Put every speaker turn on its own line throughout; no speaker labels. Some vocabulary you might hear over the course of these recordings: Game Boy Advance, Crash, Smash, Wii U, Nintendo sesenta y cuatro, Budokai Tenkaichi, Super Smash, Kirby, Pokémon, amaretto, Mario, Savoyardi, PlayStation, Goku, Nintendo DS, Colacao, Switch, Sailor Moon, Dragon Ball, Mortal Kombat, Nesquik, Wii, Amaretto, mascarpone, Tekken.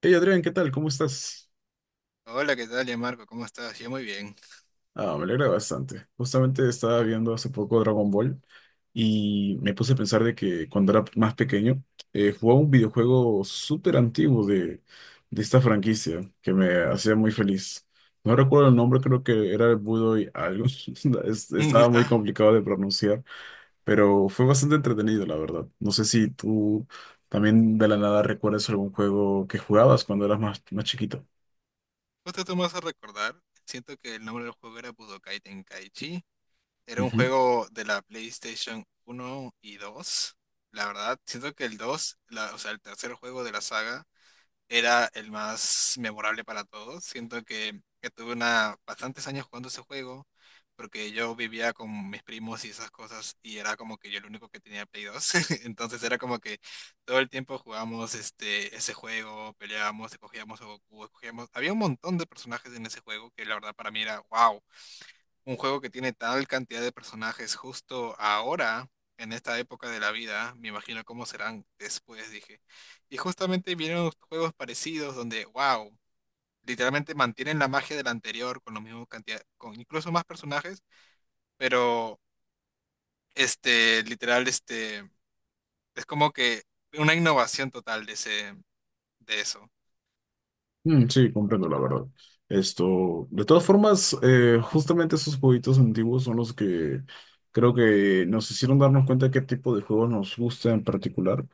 Hey Adrián, ¿qué tal? ¿Cómo estás?
Hola, ¿qué tal, ya Marco? ¿Cómo estás? Yo muy bien.
Ah, me alegra bastante. Justamente estaba viendo hace poco Dragon Ball y me puse a pensar de que cuando era más pequeño jugaba un videojuego súper antiguo de esta franquicia que me hacía muy feliz. No recuerdo el nombre, creo que era el Budo y algo. Estaba muy
Ah,
complicado de pronunciar, pero fue bastante entretenido, la verdad. No sé si tú también de la nada recuerdas algún juego que jugabas cuando eras más chiquito.
justo tú me vas a recordar. Siento que el nombre del juego era Budokai Tenkaichi. Era un juego de la PlayStation 1 y 2. La verdad, siento que el 2, o sea, el tercer juego de la saga, era el más memorable para todos. Siento que tuve bastantes años jugando ese juego, porque yo vivía con mis primos y esas cosas, y era como que yo el único que tenía Play 2. Entonces era como que todo el tiempo jugábamos ese juego, peleábamos, escogíamos a Goku, escogíamos. Había un montón de personajes en ese juego que la verdad para mí era wow. Un juego que tiene tal cantidad de personajes justo ahora, en esta época de la vida, me imagino cómo serán después, dije. Y justamente vienen juegos parecidos donde, wow, literalmente mantienen la magia del anterior con la misma cantidad, con incluso más personajes, pero este, literal, este, es como que una innovación total de eso.
Mm, sí, comprendo la verdad. Esto, de todas formas, justamente esos jueguitos antiguos son los que creo que nos hicieron darnos cuenta de qué tipo de juegos nos gusta en particular.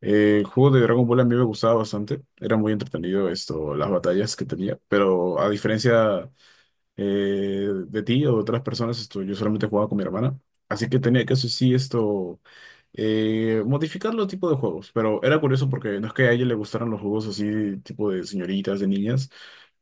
El juego de Dragon Ball a mí me gustaba bastante, era muy entretenido esto, las batallas que tenía, pero a diferencia de ti o de otras personas, esto, yo solamente jugaba con mi hermana, así que tenía que, eso sí, esto modificar los tipos de juegos, pero era curioso porque no es que a ella le gustaran los juegos así, tipo de señoritas, de niñas,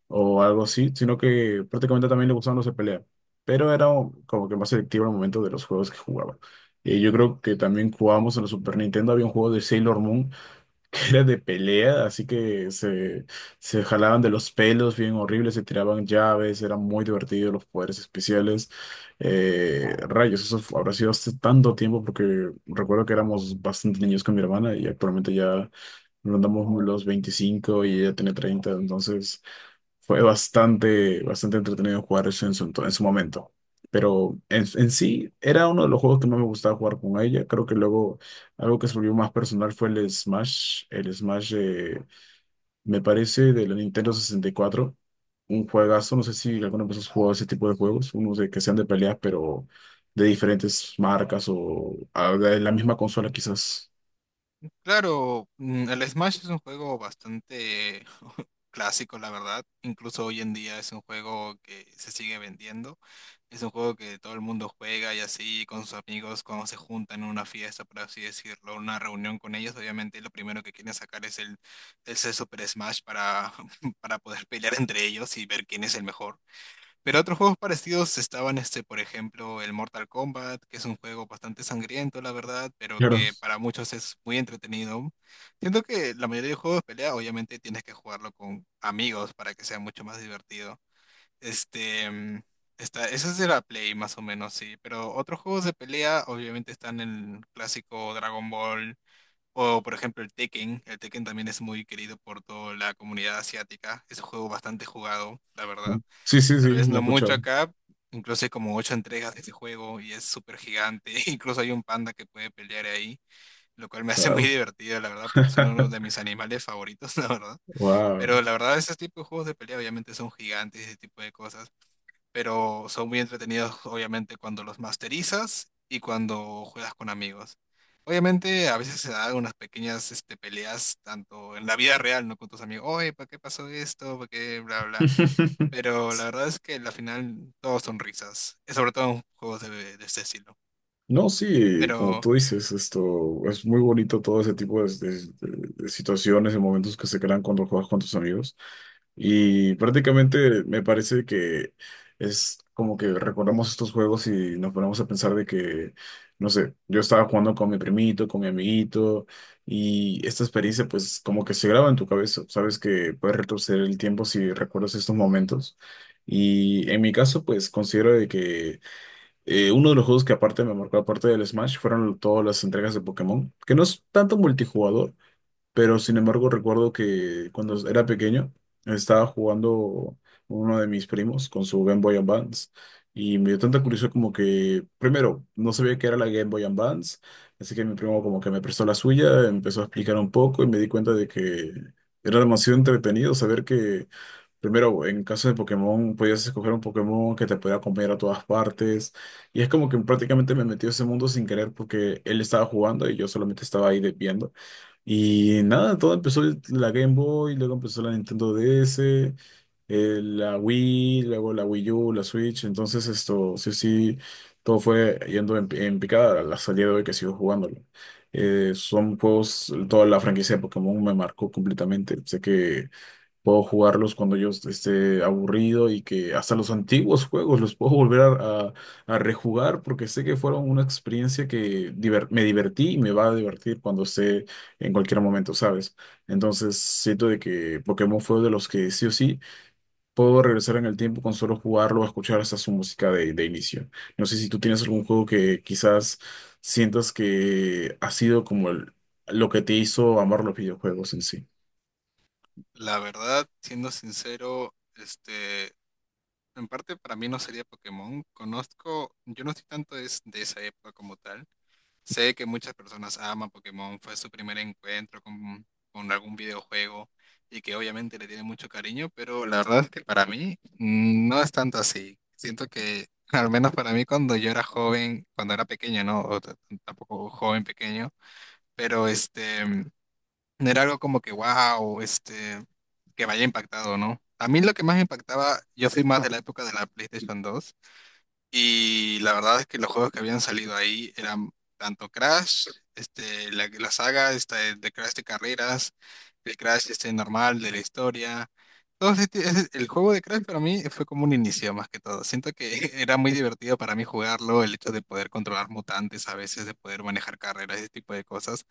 o algo así, sino que prácticamente también le gustaban los de pelea, pero como que más selectivo el momento de los juegos que jugaba. Yo creo que también jugábamos en la Super Nintendo, había un juego de Sailor Moon que era de pelea, así que se jalaban de los pelos bien horribles, se tiraban llaves, era muy divertido los poderes especiales. Rayos, habrá sido hace tanto tiempo porque recuerdo que éramos bastante niños con mi hermana y actualmente ya rondamos los 25 y ella tiene 30, entonces... Fue bastante entretenido jugar eso en su momento. Pero en sí, era uno de los juegos que más me gustaba jugar con ella. Creo que luego algo que se volvió más personal fue el Smash. El Smash, me parece, de la Nintendo 64. Un juegazo. No sé si alguna vez has jugado ese tipo de juegos. Unos de que sean de peleas, pero de diferentes marcas o ah, de la misma consola, quizás.
Claro, el Smash es un juego bastante clásico, la verdad. Incluso hoy en día es un juego que se sigue vendiendo. Es un juego que todo el mundo juega y así con sus amigos cuando se juntan en una fiesta, por así decirlo, una reunión con ellos. Obviamente lo primero que quieren sacar es el Super Smash para, para poder pelear entre ellos y ver quién es el mejor. Pero otros juegos parecidos estaban, por ejemplo, el Mortal Kombat, que es un juego bastante sangriento, la verdad, pero
Claro.
que para muchos es muy entretenido. Siento que la mayoría de juegos de pelea, obviamente, tienes que jugarlo con amigos para que sea mucho más divertido. Este, mm, ese es de la Play, más o menos, sí. Pero otros juegos de pelea, obviamente, están el clásico Dragon Ball. O por ejemplo el Tekken también es muy querido por toda la comunidad asiática, es un juego bastante jugado, la verdad.
Sí, sí,
Tal
sí,
vez
lo he
no mucho
escuchado.
acá, incluso hay como ocho entregas de ese juego y es súper gigante. Incluso hay un panda que puede pelear ahí, lo cual me hace muy
Claro.
divertido, la verdad, porque es uno de mis animales favoritos, la verdad.
Wow.
Pero la verdad, ese tipo de juegos de pelea obviamente son gigantes y ese tipo de cosas, pero son muy entretenidos, obviamente, cuando los masterizas y cuando juegas con amigos. Obviamente, a veces se dan unas pequeñas peleas, tanto en la vida real, ¿no? Con tus amigos, oye, ¿por qué pasó esto? ¿Por qué? Bla, bla. Pero la verdad es que la final todos son risas, sobre todo en juegos de este estilo.
No, sí, como
Pero
tú dices, esto es muy bonito todo ese tipo de situaciones y momentos que se crean cuando juegas con tus amigos. Y prácticamente me parece que es como que recordamos estos juegos y nos ponemos a pensar de que, no sé, yo estaba jugando con mi primito, con mi amiguito, y esta experiencia pues como que se graba en tu cabeza. Sabes que puedes retroceder el tiempo si recuerdas estos momentos. Y en mi caso pues considero de que... uno de los juegos que aparte me marcó, aparte del Smash, fueron todas las entregas de Pokémon, que no es tanto multijugador, pero sin embargo recuerdo que cuando era pequeño estaba jugando uno de mis primos con su Game Boy Advance y me dio tanta curiosidad como que, primero, no sabía qué era la Game Boy Advance, así que mi primo como que me prestó la suya, empezó a explicar un poco y me di cuenta de que era demasiado entretenido saber que primero, en caso de Pokémon, podías escoger un Pokémon que te podía comer a todas partes. Y es como que prácticamente me metió a ese mundo sin querer porque él estaba jugando y yo solamente estaba ahí viendo. Y nada, la Game Boy, luego empezó la Nintendo DS, la Wii, luego la Wii U, la Switch. Entonces, esto, sí, sí, todo fue yendo en picada a la salida de hoy que sigo jugándolo. Son juegos, toda la franquicia de Pokémon me marcó completamente. Sé que puedo jugarlos cuando yo esté aburrido y que hasta los antiguos juegos los puedo volver a rejugar porque sé que fueron una experiencia que me divertí y me va a divertir cuando esté en cualquier momento, ¿sabes? Entonces siento de que Pokémon fue de los que sí o sí puedo regresar en el tiempo con solo jugarlo o escuchar hasta su música de inicio. No sé si tú tienes algún juego que quizás sientas que ha sido como lo que te hizo amar los videojuegos en sí.
la verdad, siendo sincero, en parte para mí no sería Pokémon. Conozco, yo no estoy tanto de esa época como tal. Sé que muchas personas aman Pokémon, fue su primer encuentro con algún videojuego y que obviamente le tiene mucho cariño, pero la verdad es que para mí no es tanto así. Siento que, al menos para mí cuando yo era joven, cuando era pequeño, ¿no? Tampoco joven pequeño, pero no era algo como que, wow, que me haya impactado, ¿no? A mí lo que más me impactaba, yo soy más de la época de la PlayStation 2 y la verdad es que los juegos que habían salido ahí eran tanto Crash, la saga esta de Crash de carreras, el Crash este normal de la historia. Todo el juego de Crash para mí fue como un inicio más que todo. Siento que era muy divertido para mí jugarlo, el hecho de poder controlar mutantes a veces, de poder manejar carreras, ese tipo de cosas.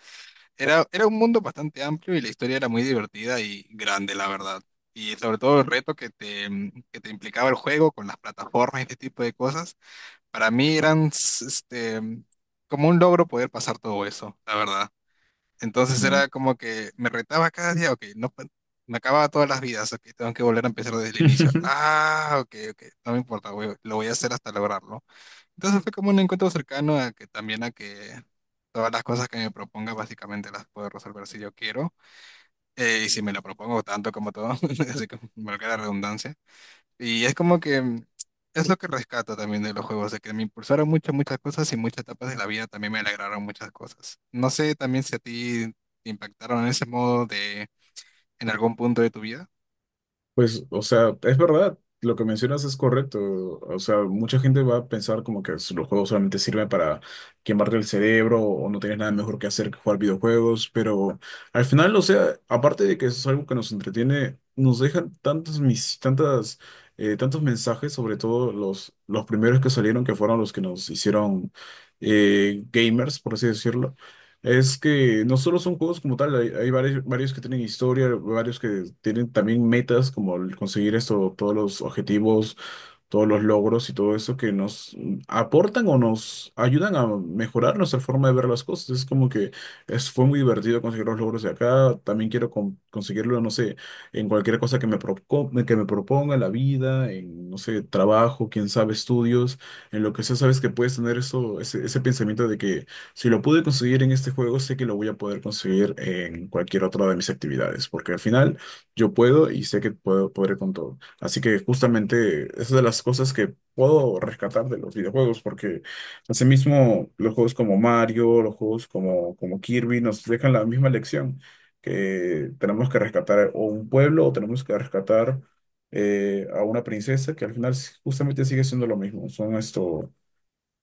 Era un mundo bastante amplio y la historia era muy divertida y grande, la verdad. Y sobre todo el reto que te implicaba el juego con las plataformas y este tipo de cosas, para mí eran como un logro poder pasar todo eso, la verdad. Entonces
No.
era como que me retaba cada día, ok, no, me acababa todas las vidas, ok, tengo que volver a empezar desde el inicio. Ah, ok, ok, no me importa, lo voy a hacer hasta lograrlo. Entonces fue como un encuentro cercano a que también a que todas las cosas que me proponga básicamente las puedo resolver si yo quiero y si me lo propongo tanto como todo, así como valga la redundancia. Y es como que es lo que rescato también de los juegos, de que me impulsaron muchas, muchas cosas y muchas etapas de la vida también me alegraron muchas cosas. No sé también si a ti te impactaron en ese modo de en algún punto de tu vida.
Pues, o sea, es verdad, lo que mencionas es correcto. O sea, mucha gente va a pensar como que los juegos solamente sirven para quemarte el cerebro o no tienes nada mejor que hacer que jugar videojuegos, pero al final, o sea, aparte de que es algo que nos entretiene, nos dejan tantos mensajes, sobre todo los primeros que salieron, que fueron los que nos hicieron gamers, por así decirlo. Es que no solo son juegos como tal, hay varios, varios que tienen historia, varios que tienen también metas como el conseguir esto, todos los objetivos, todos los logros y todo eso que nos aportan o nos ayudan a mejorar nuestra forma de ver las cosas. Es como que es, fue muy divertido conseguir los logros de acá, también quiero conseguirlo, no sé, en cualquier cosa que me, que me proponga la vida, en, no sé, trabajo, quién sabe, estudios, en lo que sea, sabes que puedes tener eso, ese pensamiento de que si lo pude conseguir en este juego, sé que lo voy a poder conseguir en cualquier otra de mis actividades, porque al final yo puedo y sé que puedo, podré con todo. Así que justamente es de las cosas que puedo rescatar de los videojuegos, porque asimismo los juegos como Mario, los juegos como Kirby nos dejan la misma lección, que tenemos que rescatar o un pueblo o tenemos que rescatar a una princesa, que al final justamente sigue siendo lo mismo. Son esto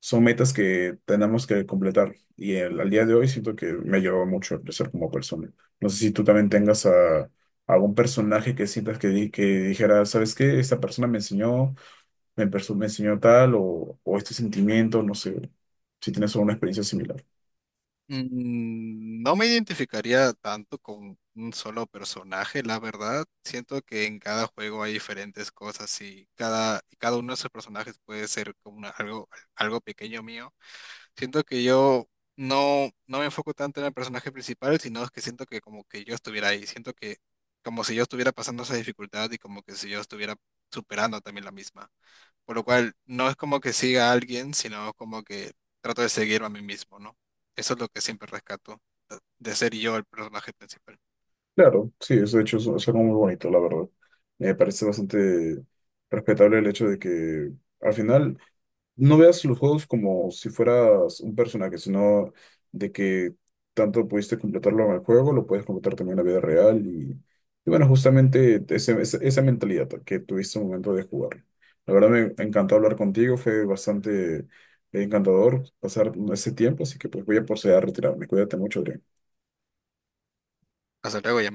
son metas que tenemos que completar. Y al día de hoy siento que me ha ayudado mucho a crecer como persona. No sé si tú también tengas algún personaje que sientas que, que dijera, ¿sabes qué? Esta persona me enseñó, me enseñó tal o este sentimiento, no sé, si tienes alguna experiencia similar.
No me identificaría tanto con un solo personaje, la verdad. Siento que en cada juego hay diferentes cosas y cada uno de esos personajes puede ser como algo, algo pequeño mío. Siento que yo no, no me enfoco tanto en el personaje principal, sino es que siento que como que yo estuviera ahí. Siento que como si yo estuviera pasando esa dificultad y como que si yo estuviera superando también la misma. Por lo cual, no es como que siga a alguien, sino como que trato de seguirme a mí mismo, ¿no? Eso es lo que siempre rescato, de ser yo el personaje principal.
Claro, sí, eso de hecho es algo muy bonito, la verdad. Me parece bastante respetable el hecho de que al final... No veas los juegos como si fueras un personaje, sino de que tanto pudiste completarlo en el juego, lo puedes completar también en la vida real. Y bueno, justamente esa mentalidad que tuviste al momento de jugarlo. La verdad me encantó hablar contigo, fue bastante encantador pasar ese tiempo, así que pues voy a proceder a retirarme. Cuídate mucho, Adrián.
Hasta luego, ya